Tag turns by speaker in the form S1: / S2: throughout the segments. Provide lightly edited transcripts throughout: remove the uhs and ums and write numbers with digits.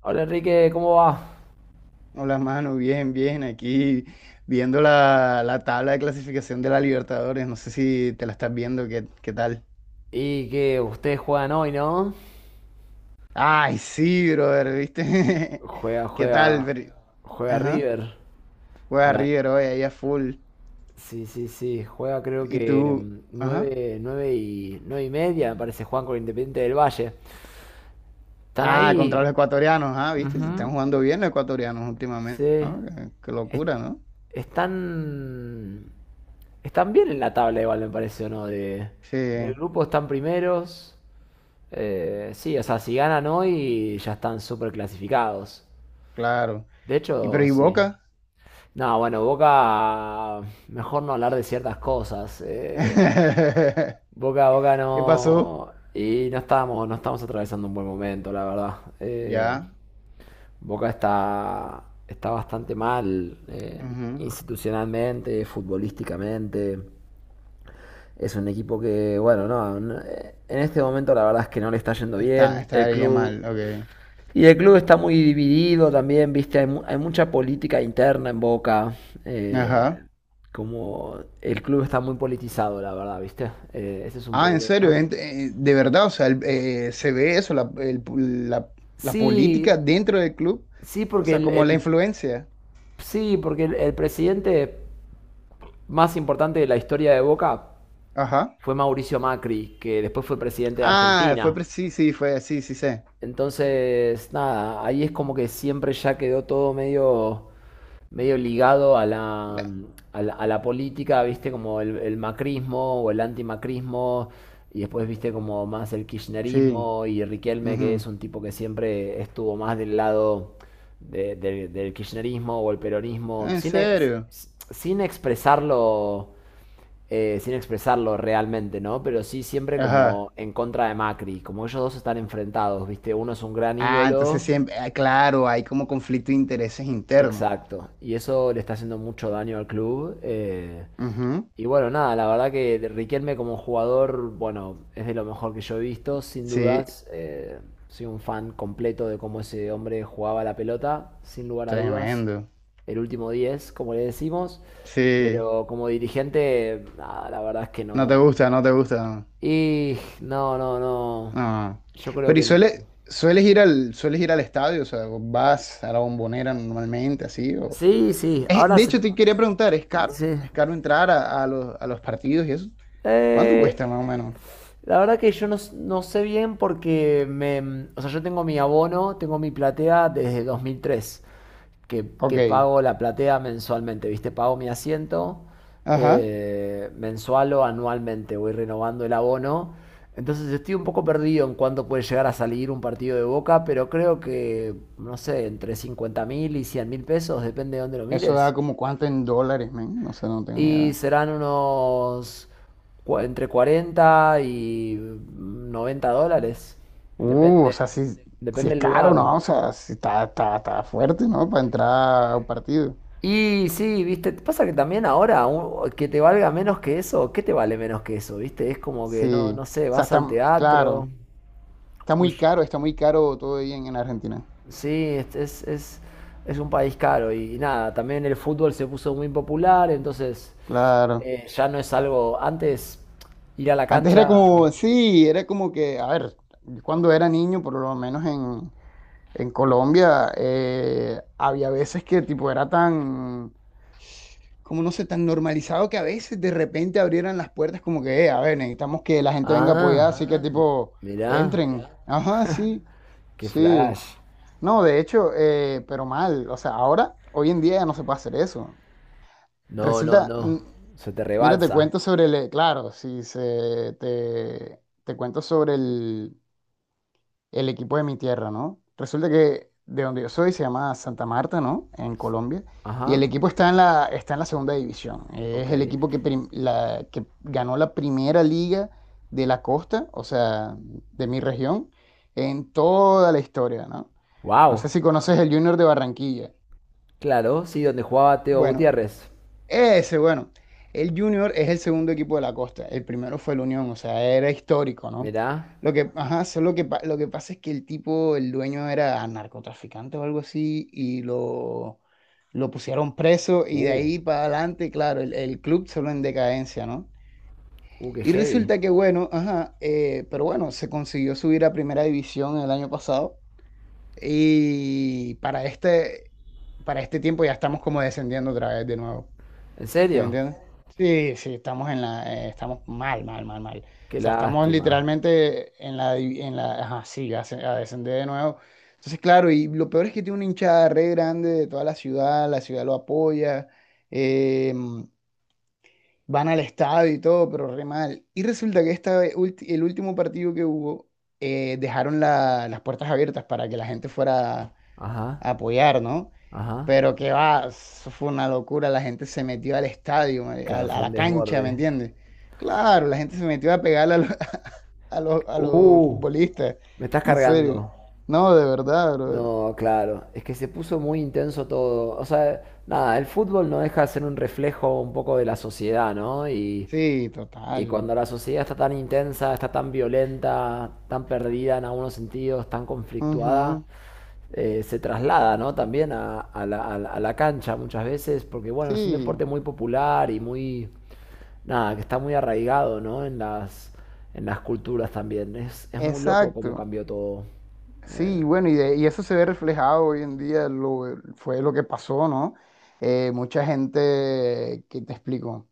S1: Hola Enrique, ¿cómo va?
S2: Hola, mano, bien, bien, aquí viendo la tabla de clasificación de la Libertadores, no sé si te la estás viendo, ¿qué tal?
S1: Y que ustedes juegan hoy, ¿no?
S2: Ay, sí, brother, ¿viste?
S1: Juega,
S2: ¿Qué tal?
S1: juega, juega
S2: Ajá,
S1: River. A
S2: juega
S1: la...
S2: River hoy, ahí a full.
S1: Sí, sí, sí, juega creo
S2: Y
S1: que
S2: tú, ajá.
S1: 9:30, me parece, juegan con Independiente del Valle. Están
S2: Ah, contra
S1: ahí.
S2: los ecuatorianos, ah, ¿viste? Se están
S1: Ujú.
S2: jugando bien los ecuatorianos últimamente,
S1: Sí.
S2: ¿no? Qué
S1: Es-
S2: locura, ¿no?
S1: están, están bien en la tabla igual, me parece, ¿o no? Del
S2: Sí,
S1: grupo están primeros. Sí, o sea, si ganan hoy ya están súper clasificados.
S2: claro.
S1: De
S2: ¿Y pero
S1: hecho,
S2: y
S1: sí.
S2: Boca?
S1: No, bueno, Boca, mejor no hablar de ciertas cosas. Boca
S2: ¿Qué pasó?
S1: no. Y no estábamos, no estamos atravesando un buen momento, la verdad.
S2: Ya,
S1: Boca está bastante mal
S2: ujú.
S1: institucionalmente, futbolísticamente. Es un equipo que, bueno, no, no, en este momento la verdad es que no le está yendo bien. El
S2: Estaría
S1: club
S2: mal, ok.
S1: y el club está muy dividido también, viste, hay, hay mucha política interna en Boca. eh,
S2: Ajá.
S1: como el club está muy politizado, la verdad, viste. Ese es un
S2: Ah, en serio,
S1: problema.
S2: De verdad, o sea, se ve eso, la- la
S1: Sí,
S2: política dentro del club,
S1: sí,
S2: o
S1: porque
S2: sea, como la influencia.
S1: sí, porque el presidente más importante de la historia de Boca
S2: Ajá.
S1: fue Mauricio Macri, que después fue presidente de
S2: Ah,
S1: Argentina.
S2: sí, sí, fue, sí, sí, sé.
S1: Entonces, nada, ahí es como que siempre ya quedó todo medio ligado a
S2: La-
S1: a la política, viste, como el macrismo o el antimacrismo, y después viste como más el
S2: sí.
S1: kirchnerismo y Riquelme, que es
S2: Ujú.
S1: un tipo que siempre estuvo más del lado del kirchnerismo o el
S2: Ah,
S1: peronismo,
S2: en serio.
S1: sin expresarlo. Sin expresarlo realmente, ¿no? Pero sí siempre
S2: Ajá.
S1: como en contra de Macri, como ellos dos están enfrentados, ¿viste? Uno es un gran
S2: Ah, entonces
S1: ídolo.
S2: siempre, ah, claro, hay como conflicto de intereses internos.
S1: Exacto. Y eso le está haciendo mucho daño al club.
S2: Ujú.
S1: Y bueno, nada, la verdad que Riquelme como jugador, bueno, es de lo mejor que yo he visto, sin
S2: Sí,
S1: dudas. Soy un fan completo de cómo ese hombre jugaba la pelota, sin lugar a dudas.
S2: tremendo.
S1: El último 10, como le decimos.
S2: Sí,
S1: Pero como dirigente, nada, la verdad es que
S2: no te
S1: no.
S2: gusta, no te gusta.
S1: Y no, no, no.
S2: Ah,
S1: Yo creo
S2: pero
S1: que...
S2: ¿sueles ir al, sueles ir al estadio? O sea, ¿vas a la Bombonera normalmente así? O...
S1: Sí, sí, ahora
S2: De
S1: se...
S2: hecho, te quería preguntar, ¿es caro?
S1: Sí.
S2: ¿Es caro entrar a los partidos y eso? ¿Cuánto
S1: Eh,
S2: cuesta más o menos?
S1: la verdad que yo no, no sé bien porque me, o sea, yo tengo mi abono, tengo mi platea desde 2003
S2: Ok,
S1: que pago la platea mensualmente, ¿viste? Pago mi asiento
S2: ajá.
S1: mensual o anualmente, voy renovando el abono. Entonces estoy un poco perdido en cuánto puede llegar a salir un partido de Boca, pero creo que, no sé, entre 50.000 y 100.000 pesos, depende de dónde lo
S2: Eso da
S1: mires.
S2: como cuánto en dólares, men. No sé, no tengo ni
S1: Y
S2: idea.
S1: serán unos entre 40 y 90 dólares.
S2: O
S1: Depende,
S2: sea, si, si
S1: depende
S2: es
S1: del
S2: caro,
S1: lugar.
S2: ¿no? O sea, si está, está, está fuerte, ¿no? Para entrar a un partido.
S1: Y sí, viste, pasa que también ahora que te valga menos que eso, ¿qué te vale menos que eso? Viste, es como que no,
S2: Sí.
S1: no sé,
S2: O sea,
S1: vas
S2: está,
S1: al teatro.
S2: claro.
S1: un sh-
S2: Está muy caro todo ahí en Argentina.
S1: sí, es, es, es, es un país caro y, nada, también el fútbol se puso muy popular, entonces
S2: Claro.
S1: ya no es algo, antes ir a la
S2: Antes era como,
S1: cancha.
S2: sí, era como que, a ver, cuando era niño, por lo menos en Colombia, había veces que tipo era tan, como no sé, tan normalizado que a veces de repente abrieran las puertas como que, a ver, necesitamos que la gente venga apoyada,
S1: Ah,
S2: así que Ah,
S1: m-
S2: tipo,
S1: mirá,
S2: entren. Ya. Ajá, sí,
S1: qué
S2: sí.
S1: flash.
S2: No, de hecho, pero mal, o sea, ahora, hoy en día ya no se puede hacer eso.
S1: No, no,
S2: Resulta,
S1: no. Se te
S2: mira, te
S1: rebalsa.
S2: cuento sobre el, claro, si se, te cuento sobre el equipo de mi tierra, ¿no? Resulta que de donde yo soy se llama Santa Marta, ¿no? En Colombia. Y
S1: Ajá,
S2: el equipo está en la segunda división.
S1: ok.
S2: Es el equipo que, que ganó la primera liga de la costa, o sea, de mi región, en toda la historia, ¿no? No sé
S1: Wow,
S2: si conoces el Junior de Barranquilla.
S1: claro, sí, donde jugaba Teo
S2: Bueno,
S1: Gutiérrez.
S2: ese, bueno, el Junior es el segundo equipo de la costa, el primero fue el Unión, o sea, era histórico, ¿no?
S1: Mirá.
S2: Lo que, ajá, solo que, lo que pasa es que el tipo, el dueño era narcotraficante o algo así, y lo pusieron preso, y de
S1: Uh,
S2: ahí para adelante, claro, el club solo en decadencia, ¿no?
S1: qué
S2: Y
S1: heavy.
S2: resulta que, bueno, ajá, pero bueno, se consiguió subir a primera división el año pasado, y para este tiempo ya estamos como descendiendo otra vez de nuevo.
S1: ¿En
S2: ¿Sí me
S1: serio?
S2: entiendes? Sí, sí, estamos en la, estamos mal, mal, mal, mal.
S1: Qué
S2: O sea, estamos
S1: lástima.
S2: literalmente en la, en la, ajá, sí, a descender de nuevo. Entonces, claro, y lo peor es que tiene una hinchada re grande de toda la ciudad lo apoya, eh, van al estadio y todo, pero re mal. Y resulta que esta, vez, el último partido que hubo, dejaron las puertas abiertas para que la gente fuera
S1: Ajá,
S2: a apoyar, ¿no?
S1: ajá.
S2: Pero que va, eso fue una locura, la gente se metió al estadio,
S1: Claro,
S2: a
S1: fue un
S2: la cancha, ¿me
S1: desborde.
S2: entiendes? Claro, la gente se metió a pegarle a los, a los
S1: Uh,
S2: futbolistas,
S1: me estás
S2: en serio.
S1: cargando.
S2: No, de verdad, brother.
S1: No, claro, es que se puso muy intenso todo. O sea, nada, el fútbol no deja de ser un reflejo un poco de la sociedad, ¿no? Y
S2: Sí,
S1: Y
S2: total.
S1: cuando la sociedad está tan intensa, está tan violenta, tan perdida en algunos sentidos, tan conflictuada,
S2: Ujú,
S1: se traslada, ¿no? también a, a la cancha muchas veces, porque bueno, es un deporte
S2: sí,
S1: muy popular y muy, nada, que está muy arraigado, ¿no? en en las culturas también. Es muy loco cómo
S2: exacto.
S1: cambió todo. Eh,
S2: Sí, bueno, y, y eso se ve reflejado hoy en día, lo, fue lo que pasó, ¿no? Mucha gente, ¿qué te explico?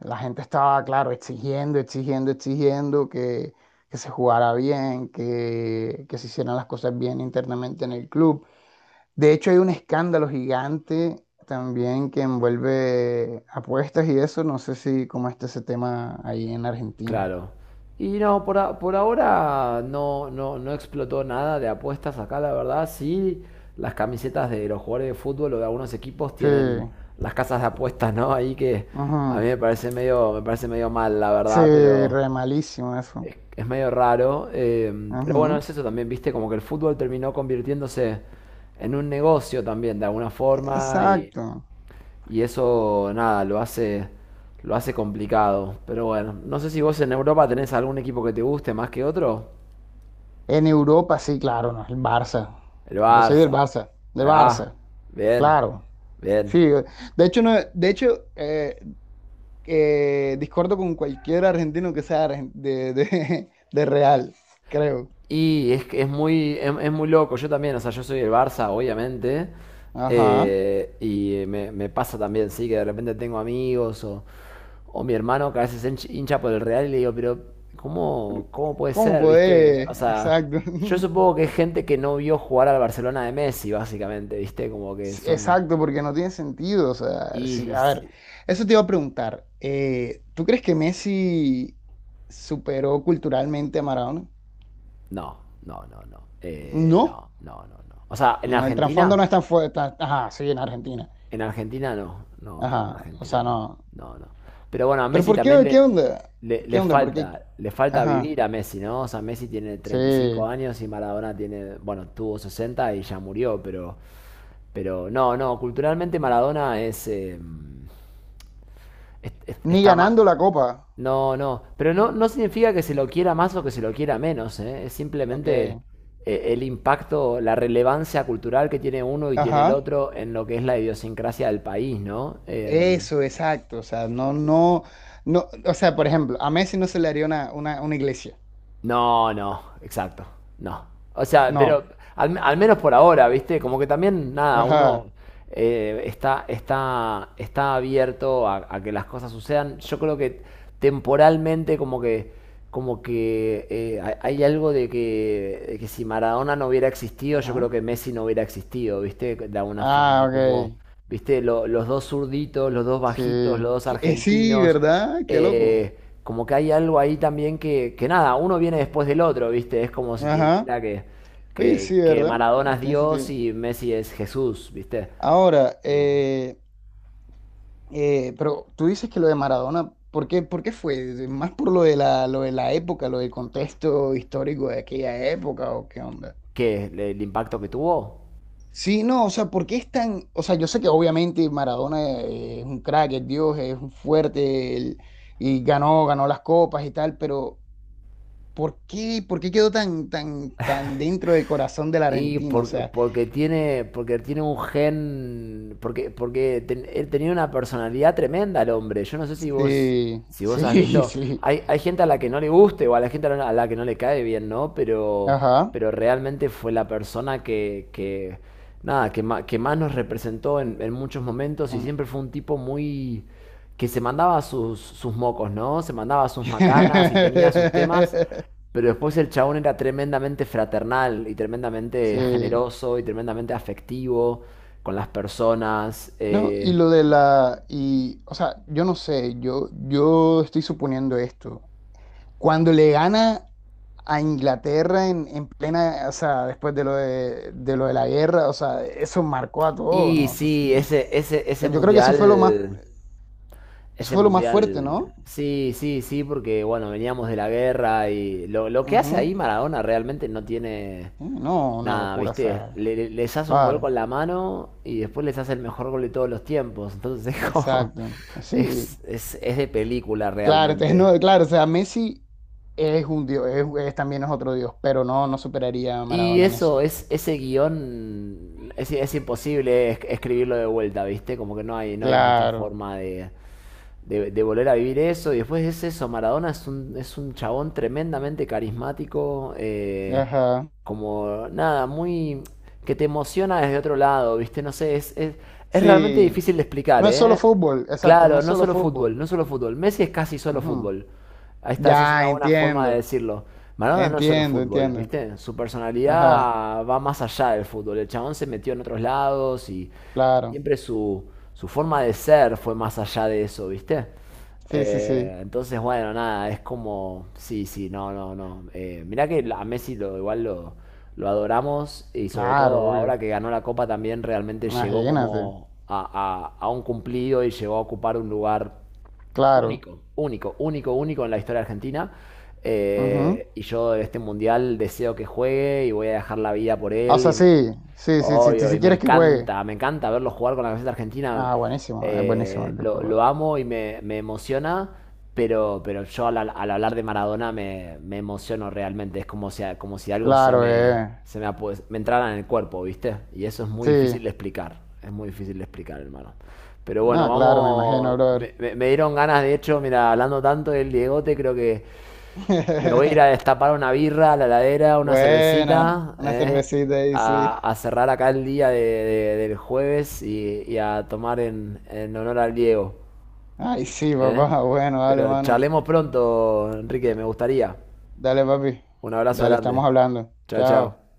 S2: La gente estaba, claro, exigiendo, exigiendo, exigiendo que se jugara bien, que se hicieran las cosas bien internamente en el club. De hecho, hay un escándalo gigante también que envuelve apuestas y eso, no sé si cómo está ese tema ahí en Argentina.
S1: Claro. Y no, por, por ahora no, no, no explotó nada de apuestas acá, la verdad. Sí, las camisetas de los jugadores de fútbol o de algunos equipos
S2: Sí,
S1: tienen las casas de apuestas, ¿no? Ahí que a mí
S2: ujú,
S1: me parece medio mal, la
S2: sí,
S1: verdad, pero
S2: re malísimo eso.
S1: es medio raro. Pero bueno,
S2: Ujú.
S1: es eso también, viste, como que el fútbol terminó convirtiéndose en un negocio también, de alguna forma, y
S2: Exacto.
S1: y eso, nada, lo hace complicado. Pero bueno, no sé si vos en Europa tenés algún equipo que te guste más que otro.
S2: En Europa, sí, claro, no, el Barça.
S1: El
S2: Yo soy
S1: Barça.
S2: Del
S1: Ahí va.
S2: Barça,
S1: Bien.
S2: claro.
S1: Bien.
S2: Sí, de hecho, no, de hecho discordo con cualquier argentino que sea de Real, creo.
S1: Y es que es muy loco. Yo también, o sea, yo soy el Barça, obviamente.
S2: Ajá.
S1: Y me, me pasa también, sí, que de repente tengo amigos o mi hermano que a veces es hincha por el Real y le digo, pero ¿cómo, cómo puede
S2: ¿Cómo
S1: ser? ¿Viste?
S2: podés?
S1: O sea,
S2: Exacto.
S1: yo supongo que es gente que no vio jugar al Barcelona de Messi, básicamente, ¿viste? Como que
S2: Sí,
S1: son...
S2: exacto, porque no tiene sentido. O sea,
S1: Y...
S2: sí, a ver,
S1: si,
S2: eso te iba a preguntar. ¿Tú crees que Messi superó culturalmente a Maradona?
S1: no, no, no, no.
S2: No.
S1: No, no, no, no. O sea, en
S2: No, el trasfondo
S1: Argentina,
S2: no es tan fuerte. Ajá, sí, en Argentina.
S1: en Argentina no, no, no, en
S2: Ajá, o
S1: Argentina
S2: sea,
S1: no,
S2: no.
S1: no, no. Pero bueno, a
S2: Pero
S1: Messi
S2: ¿por qué?
S1: también
S2: ¿Qué
S1: le,
S2: onda? ¿Qué onda? ¿Por qué?
S1: le falta
S2: Ajá,
S1: vivir a Messi, ¿no? O sea, Messi tiene 35
S2: sí.
S1: años y Maradona tiene, bueno, tuvo 60 y ya murió, pero no, no, culturalmente Maradona es,
S2: Ni
S1: está más,
S2: ganando la copa.
S1: no, no, pero no, no significa que se lo quiera más o que se lo quiera menos, ¿eh? Es
S2: Ok.
S1: simplemente el impacto, la relevancia cultural que tiene uno y tiene el
S2: Ajá.
S1: otro en lo que es la idiosincrasia del país, ¿no?
S2: Eso, exacto. O sea, no, no, no. O sea, por ejemplo, a Messi no se le haría una iglesia.
S1: No, no, exacto, no. O sea, pero
S2: No.
S1: al menos por ahora, ¿viste? Como que también, nada, uno
S2: Ajá.
S1: está abierto a que las cosas sucedan. Yo creo que temporalmente como que hay algo de que si Maradona no hubiera existido, yo creo
S2: Ajá.
S1: que Messi no hubiera existido, ¿viste? De alguna
S2: Ah,
S1: forma, como,
S2: ok.
S1: ¿viste? Los dos zurditos, los dos
S2: Sí.
S1: bajitos, los dos
S2: Sí,
S1: argentinos,
S2: ¿verdad? Qué loco.
S1: como que hay algo ahí también que nada, uno viene después del otro, ¿viste? Es como si te
S2: Ajá.
S1: dijera que,
S2: Oye, sí,
S1: que
S2: ¿verdad?
S1: Maradona es
S2: Tiene
S1: Dios
S2: sentido.
S1: y Messi es Jesús, ¿viste?
S2: Ahora,
S1: Como,
S2: pero tú dices que lo de Maradona, ¿por qué fue? ¿Más por lo de la época, lo del contexto histórico de aquella época o qué onda?
S1: ¿qué? ¿El impacto que tuvo?
S2: Sí, no, o sea, ¿por qué es tan...? O sea, yo sé que obviamente Maradona es un crack, es Dios, es un fuerte, y ganó, ganó las copas y tal, pero ¿por qué quedó tan, tan, tan dentro del corazón del argentino? O sea,
S1: Porque tiene un gen, porque, él tenía una personalidad tremenda el hombre. Yo no sé si vos,
S2: sí,
S1: si vos has
S2: sí,
S1: visto,
S2: sí,
S1: hay gente a la que no le guste o a la gente a a la que no le cae bien, ¿no?
S2: ajá.
S1: Pero realmente fue la persona que nada, que, que más nos representó en muchos momentos y siempre fue un tipo muy, que se mandaba sus, sus mocos, ¿no? Se mandaba sus macanas y tenía sus temas. Pero después el chabón era tremendamente fraternal y tremendamente
S2: Sí.
S1: generoso y tremendamente afectivo con las personas.
S2: No, y lo de la, y, o sea, yo no sé, yo estoy suponiendo esto. Cuando le gana a Inglaterra en plena, o sea, después de lo de la guerra, o sea, eso marcó a todo,
S1: Y
S2: ¿no?
S1: sí,
S2: O sea, yo creo que eso fue lo más, eso
S1: ese
S2: fue lo más fuerte, ¿no?
S1: mundial, sí, sí, sí, porque bueno, veníamos de la guerra y lo que hace
S2: Ujú.
S1: ahí Maradona realmente no tiene
S2: Sí, no, una
S1: nada,
S2: locura, o
S1: ¿viste?
S2: sea,
S1: Les hace un gol
S2: claro,
S1: con la mano y después les hace el mejor gol de todos los tiempos. Entonces es como,
S2: exacto, sí,
S1: es de película
S2: claro, entonces,
S1: realmente.
S2: no, claro, o sea, Messi es un dios, es, también es otro dios, pero no, no superaría a
S1: Y
S2: Maradona en
S1: eso,
S2: eso.
S1: es, ese guión es imposible escribirlo de vuelta, ¿viste? Como que no hay, no hay mucha
S2: Claro.
S1: forma de, de volver a vivir eso. Y después es eso, Maradona es un chabón tremendamente carismático,
S2: Ajá.
S1: como nada, muy... que te emociona desde otro lado, ¿viste? No sé, es realmente
S2: Sí.
S1: difícil de explicar,
S2: No es solo
S1: ¿eh?
S2: fútbol, exacto, no
S1: Claro,
S2: es
S1: no
S2: solo
S1: solo fútbol,
S2: fútbol.
S1: no solo fútbol. Messi es casi solo
S2: Ajá.
S1: fútbol. Ahí está, esa es una
S2: Ya,
S1: buena forma de
S2: entiendo.
S1: decirlo. Maradona no es solo
S2: Entiendo,
S1: fútbol,
S2: entiendo.
S1: ¿viste? Su
S2: Ajá,
S1: personalidad va más allá del fútbol. El chabón se metió en otros lados y
S2: claro.
S1: siempre su, su forma de ser fue más allá de eso, ¿viste?
S2: Sí, sí, sí.
S1: Entonces, bueno, nada, es como, sí, sí, no, no, no. Mirá que a Messi lo, igual lo adoramos y sobre
S2: Claro,
S1: todo ahora
S2: obvio.
S1: que ganó la Copa también realmente llegó
S2: Imagínate.
S1: como a, a un cumplido y llegó a ocupar un lugar
S2: Claro.
S1: único. Único, único, único en la historia argentina.
S2: Ajá.
S1: Y yo de este mundial deseo que juegue y voy a dejar la vida por
S2: O
S1: él.
S2: sea, sí, sí, sí, sí,
S1: Hoy,
S2: sí, sí
S1: hoy,
S2: quieres que juegue.
S1: me encanta verlo jugar con la camiseta argentina.
S2: Ah, buenísimo, es buenísimo el fútbol.
S1: Lo amo y me emociona, pero yo al, al hablar de Maradona me, me emociono realmente. Es como si algo
S2: Claro, eh.
S1: se me, me entrara en el cuerpo, ¿viste? Y eso es muy
S2: Sí.
S1: difícil de explicar. Es muy difícil de explicar, hermano. Pero bueno,
S2: No, claro, me imagino,
S1: vamos.
S2: brother.
S1: Me, me dieron ganas, de hecho, mira, hablando tanto del Diegote, creo que me voy a ir a destapar una birra a la heladera, una
S2: Buena.
S1: cervecita,
S2: Una
S1: ¿eh?
S2: cervecita ahí, sí.
S1: A, a cerrar acá el día del jueves y a tomar en honor al Diego,
S2: Ay, sí,
S1: ¿eh?
S2: papá. Bueno, dale,
S1: Pero
S2: mano.
S1: charlemos pronto, Enrique, me gustaría.
S2: Dale, papi.
S1: Un abrazo
S2: Dale,
S1: grande.
S2: estamos hablando.
S1: Chao,
S2: Chao.
S1: chao.